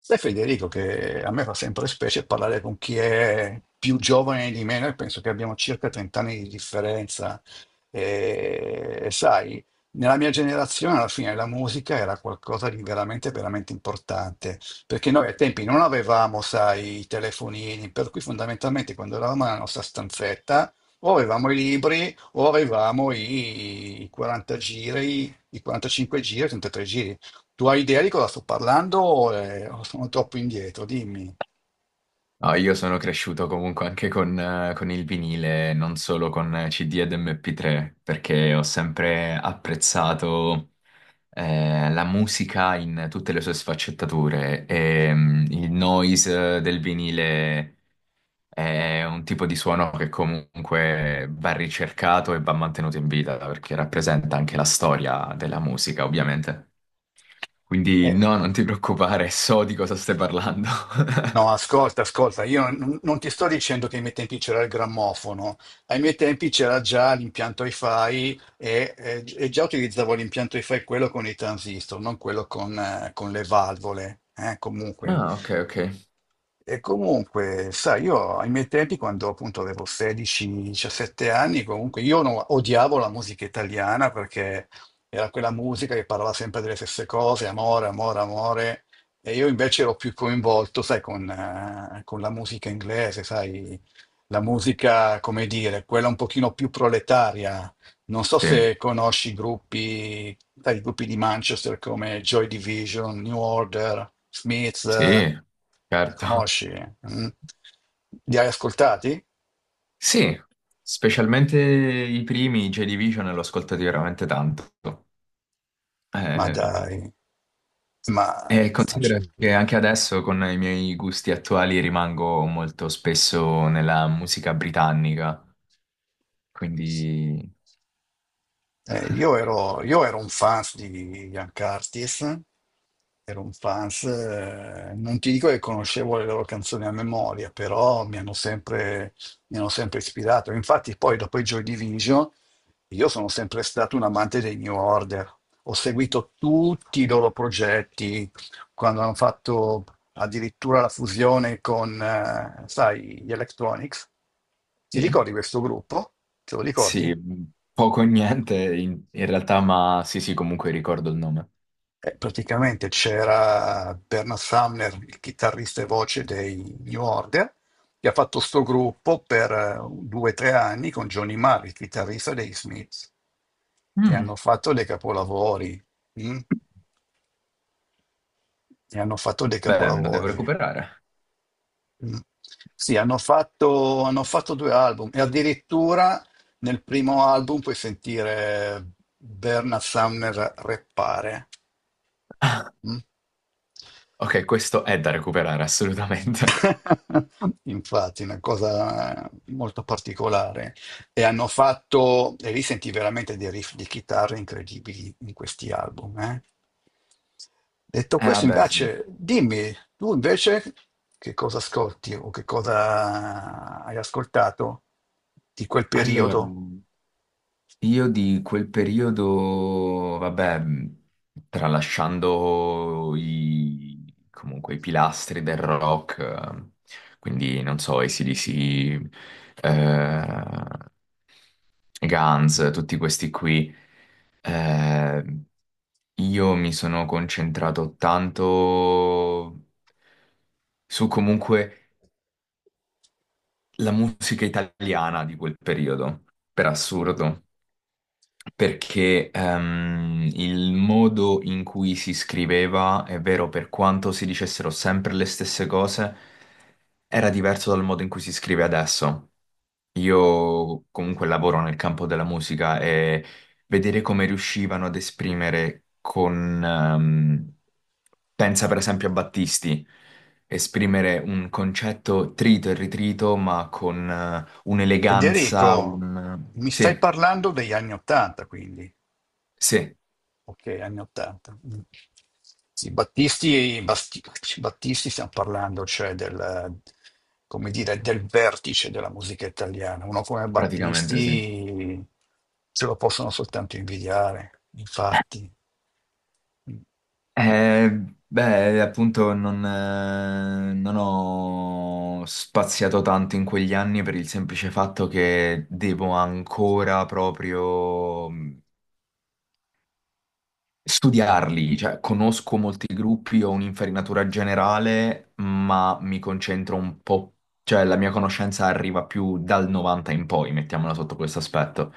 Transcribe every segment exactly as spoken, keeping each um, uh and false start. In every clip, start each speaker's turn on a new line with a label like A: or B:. A: Sai Federico che a me fa sempre specie parlare con chi è più giovane di me, noi penso che abbiamo circa trenta anni di differenza e e sai, nella mia generazione alla fine la musica era qualcosa di veramente, veramente importante, perché noi ai tempi non avevamo, sai, i telefonini, per cui fondamentalmente quando eravamo nella nostra stanzetta o avevamo i libri o avevamo i quaranta giri, i quarantacinque giri, i trentatré giri. Tu hai idea di cosa sto parlando? O eh, o sono troppo indietro? Dimmi.
B: No, io sono cresciuto comunque anche con, eh, con il vinile, non solo con C D ed M P tre, perché ho sempre apprezzato eh, la musica in tutte le sue sfaccettature e mm, il noise del vinile è un tipo di suono che comunque va ricercato e va mantenuto in vita, perché rappresenta anche la storia della musica, ovviamente. Quindi
A: Eh,
B: no, non ti preoccupare, so di cosa stai parlando.
A: No, ascolta, ascolta, io non, non ti sto dicendo che ai miei tempi c'era il grammofono, ai miei tempi c'era già l'impianto hi-fi e, e- e già utilizzavo l'impianto hi-fi quello con i transistor, non quello con, eh, con le valvole, eh, comunque.
B: Ah, ok, ok.
A: E comunque, sai, io ai miei tempi, quando appunto avevo sedici diciassette anni, comunque io no- odiavo la musica italiana perché era quella musica che parlava sempre delle stesse cose, amore, amore, amore. E io invece ero più coinvolto, sai, con, eh, con la musica inglese, sai, la musica, come dire, quella un pochino più proletaria. Non so
B: Sì.
A: se conosci i gruppi, sai, i gruppi di Manchester come Joy Division, New Order, Smiths, eh,
B: Sì,
A: li
B: certo.
A: conosci? Mm? Li hai ascoltati?
B: Sì, specialmente i primi J Division l'ho ascoltati veramente tanto.
A: Ma
B: Eh,
A: dai, ma
B: e considero che anche adesso con i miei gusti attuali rimango molto spesso nella musica britannica, quindi
A: Eh, io ero, io ero un fans di Ian Curtis, ero un fans, eh, non ti dico che conoscevo le loro canzoni a memoria, però mi hanno sempre, mi hanno sempre ispirato. Infatti poi dopo i Joy Division io sono sempre stato un amante dei New Order, ho seguito tutti i loro progetti, quando hanno fatto addirittura la fusione con, eh, sai, gli Electronics. Ti
B: sì,
A: ricordi questo gruppo? Te lo ricordi?
B: sì, poco e niente in, in realtà, ma sì, sì, comunque ricordo il nome.
A: Eh, praticamente c'era Bernard Sumner, il chitarrista e voce dei New Order, che ha fatto sto gruppo per eh, due o tre anni con Johnny Marr, il chitarrista dei Smiths, e
B: Mm.
A: hanno fatto dei capolavori. Mm? E hanno fatto dei
B: Beh, me lo devo
A: capolavori.
B: recuperare.
A: Mm. Sì, hanno fatto, hanno fatto due album e addirittura nel primo album puoi sentire Bernard Sumner rappare. Mm?
B: Ok, questo è da recuperare assolutamente.
A: Infatti, una cosa molto particolare. E hanno fatto, e lì senti veramente dei riff di chitarra incredibili in questi album. Eh. Detto
B: Eh,
A: questo,
B: vabbè, sì.
A: invece, dimmi, tu invece che cosa ascolti o che cosa hai ascoltato di quel
B: Allora,
A: periodo?
B: io di quel periodo, vabbè, mh, tralasciando i, comunque i pilastri del rock, eh, quindi non so, A C/D C, eh, Guns, tutti questi qui, eh, io mi sono concentrato tanto su comunque la musica italiana di quel periodo, per assurdo. Perché ehm, il modo in cui si scriveva, è vero, per quanto si dicessero sempre le stesse cose, era diverso dal modo in cui si scrive adesso. Io comunque lavoro nel campo della musica e vedere come riuscivano ad esprimere con... ehm, pensa per esempio a Battisti, esprimere un concetto trito e ritrito, ma con eh, un'eleganza,
A: Federico,
B: un...
A: mi stai
B: Sì,
A: parlando degli anni Ottanta, quindi.
B: sì.
A: Ok, anni ottanta. Mm. Sì, Battisti, Basti- Battisti stiamo parlando, cioè del, come dire, del vertice della musica italiana. Uno come
B: Praticamente sì.
A: Battisti ce lo possono soltanto invidiare, infatti.
B: Eh, beh, appunto non, eh, non ho spaziato tanto in quegli anni per il semplice fatto che devo ancora proprio studiarli, cioè conosco molti gruppi, ho un'infarinatura generale, ma mi concentro un po', cioè la mia conoscenza arriva più dal novanta in poi, mettiamola sotto questo aspetto,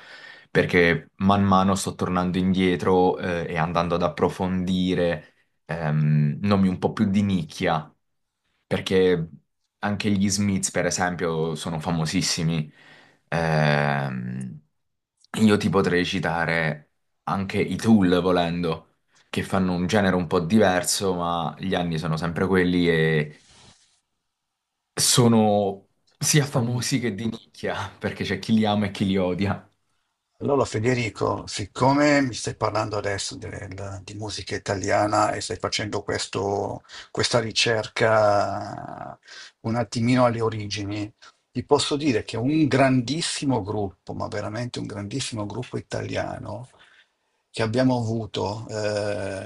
B: perché man mano sto tornando indietro eh, e andando ad approfondire ehm, nomi un po' più di nicchia perché anche gli Smiths, per esempio, sono famosissimi. Ehm, io ti potrei citare anche i Tool, volendo, che fanno un genere un po' diverso, ma gli anni sono sempre quelli e sono sia
A: Mm.
B: famosi che di nicchia, perché c'è chi li ama e chi li odia.
A: Allora Federico, siccome mi stai parlando adesso del- di musica italiana e stai facendo questo- questa ricerca un attimino alle origini, ti posso dire che un grandissimo gruppo, ma veramente un grandissimo gruppo italiano che abbiamo avuto eh,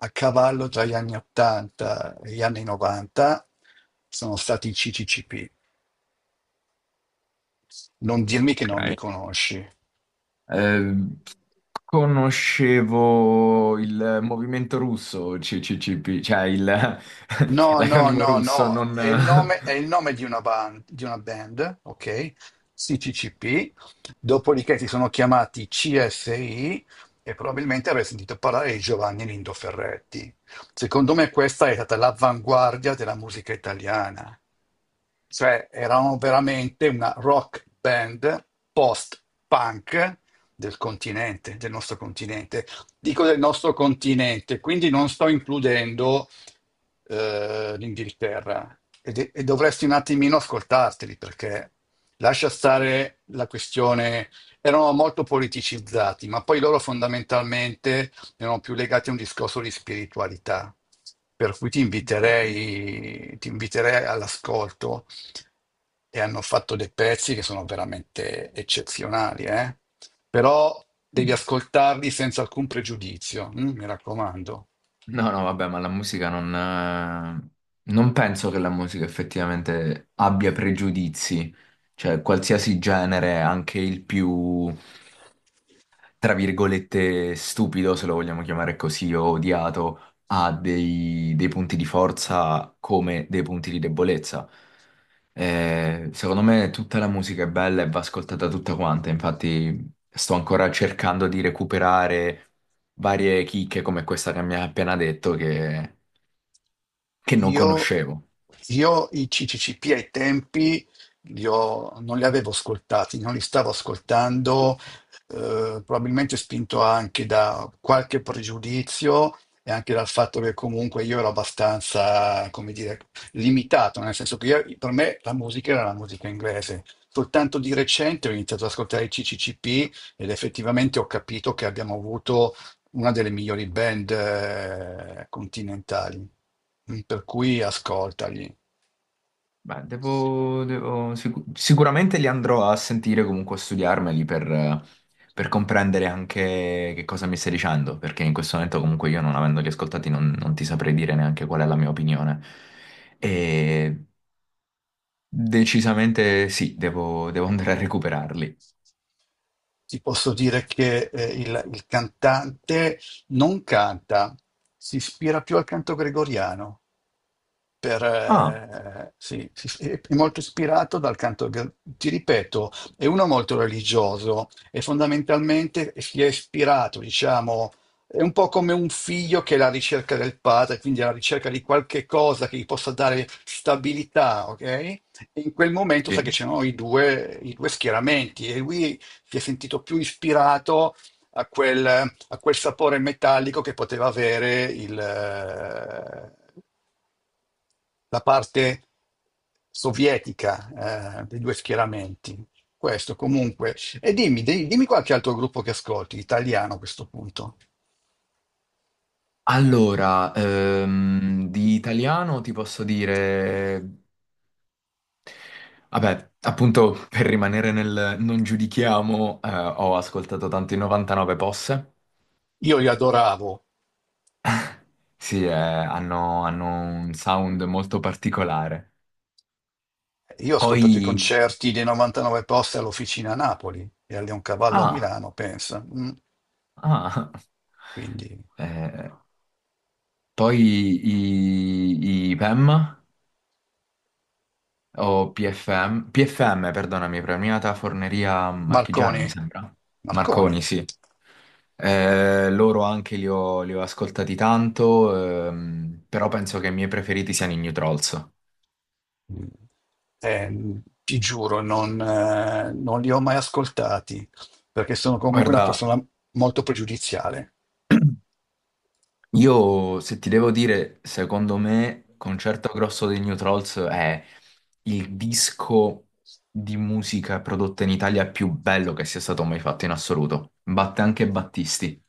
A: a cavallo tra gli anni ottanta e gli anni novanta sono stati i C C C P. Non dirmi che non li
B: Ok.
A: conosci.
B: Ehm, conoscevo il movimento russo, C C C P, cioè il-
A: No, no,
B: l'acronimo
A: no,
B: russo,
A: no,
B: non...
A: è il nome, è il nome di una band, di una band, ok? C C C P, dopodiché si sono chiamati C S I e probabilmente avrei sentito parlare di Giovanni Lindo Ferretti. Secondo me questa è stata l'avanguardia della musica italiana, cioè erano veramente una rock band post-punk del continente, del nostro continente. Dico del nostro continente, quindi non sto includendo eh, l'Inghilterra e, de- e dovresti un attimino ascoltarteli perché lascia stare la questione, erano molto politicizzati, ma poi loro fondamentalmente erano più legati a un discorso di spiritualità, per cui ti
B: Ok.
A: inviterei, ti inviterei all'ascolto e hanno fatto dei pezzi che sono veramente eccezionali, eh? Però devi
B: Mm.
A: ascoltarli senza alcun pregiudizio, mm, mi raccomando.
B: No, no, vabbè, ma la musica non... eh, non penso che la musica effettivamente abbia pregiudizi, cioè qualsiasi genere, anche il più... tra virgolette, stupido, se lo vogliamo chiamare così, o odiato, ha dei, dei punti di forza come dei punti di debolezza. Eh, secondo me tutta la musica è bella e va ascoltata tutta quanta, infatti sto ancora cercando di recuperare varie chicche come questa che mi ha appena detto che che non
A: Io,
B: conoscevo.
A: io i C C C P ai tempi li ho- non li avevo ascoltati, non li stavo ascoltando, eh, probabilmente spinto anche da qualche pregiudizio e anche dal fatto che comunque io ero abbastanza, come dire, limitato, nel senso che io- per me la musica era la musica inglese. Soltanto di recente ho iniziato ad ascoltare i C C C P ed effettivamente ho capito che abbiamo avuto una delle migliori band eh, continentali, mm, per cui ascoltagli.
B: Beh, devo, devo- sicu- sicuramente li andrò a sentire comunque a studiarmeli per, eh, per comprendere anche che cosa mi stai dicendo, perché in questo momento comunque io non avendoli ascoltati non, non ti saprei dire neanche qual è la mia opinione. E decisamente sì, devo, devo andare a recuperarli.
A: Ti posso dire che eh, il, il cantante non canta, si ispira più al canto gregoriano. Per,
B: Ah,
A: eh, sì, sì, sì, è molto ispirato dal canto, gal- ti ripeto, è uno molto religioso e fondamentalmente si è ispirato, diciamo, è un po' come un figlio che è alla ricerca del padre, quindi alla ricerca di qualche cosa che gli possa dare stabilità, ok? E in quel momento sa che
B: sì.
A: c'erano i due, i due schieramenti e lui si è sentito più ispirato a quel, a quel sapore metallico che poteva avere il, la parte sovietica eh, dei due schieramenti. Questo comunque. E dimmi, di- dimmi qualche altro gruppo che ascolti, italiano a questo punto.
B: Allora, ehm, di italiano ti posso dire... Vabbè, appunto per rimanere nel non giudichiamo, eh, ho ascoltato tanto i novantanove Posse.
A: Io li adoravo.
B: Sì, eh, hanno, hanno un sound molto particolare.
A: Io ho ascoltato i
B: Poi...
A: concerti dei novantanove posti all'Officina a Napoli e a Cavallo a
B: Ah,
A: Milano, pensa. Mm,
B: ah.
A: quindi
B: Eh, poi i, i P E M o P F M, P F M, perdonami, Premiata Forneria Marchigiana,
A: Marconi,
B: mi sembra. Marconi,
A: Marconi.
B: sì. Eh, loro anche li ho, li ho ascoltati tanto, ehm, però penso che i miei preferiti siano i New Trolls.
A: Mm. Eh, ti giuro, non, eh, non li ho mai ascoltati perché sono comunque una
B: Guarda,
A: persona molto pregiudiziale.
B: io se ti devo dire, secondo me, Concerto Grosso dei New Trolls è il disco di musica prodotta in Italia più bello che sia stato mai fatto in assoluto. Batte anche Battisti,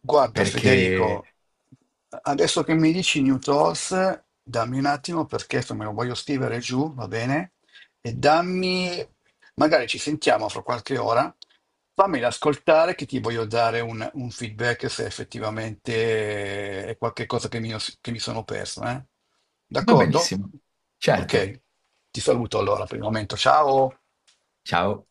A: Guarda
B: perché
A: Federico, adesso che mi dici New Thoughts, dammi un attimo perché se me lo voglio scrivere giù, va bene? E dammi, magari ci sentiamo fra qualche ora, fammela ascoltare che ti voglio dare un, un feedback se effettivamente è qualcosa che mi, che mi sono perso, eh?
B: va
A: D'accordo?
B: benissimo. Certo,
A: Ok, ti saluto allora per il momento, ciao!
B: ciao.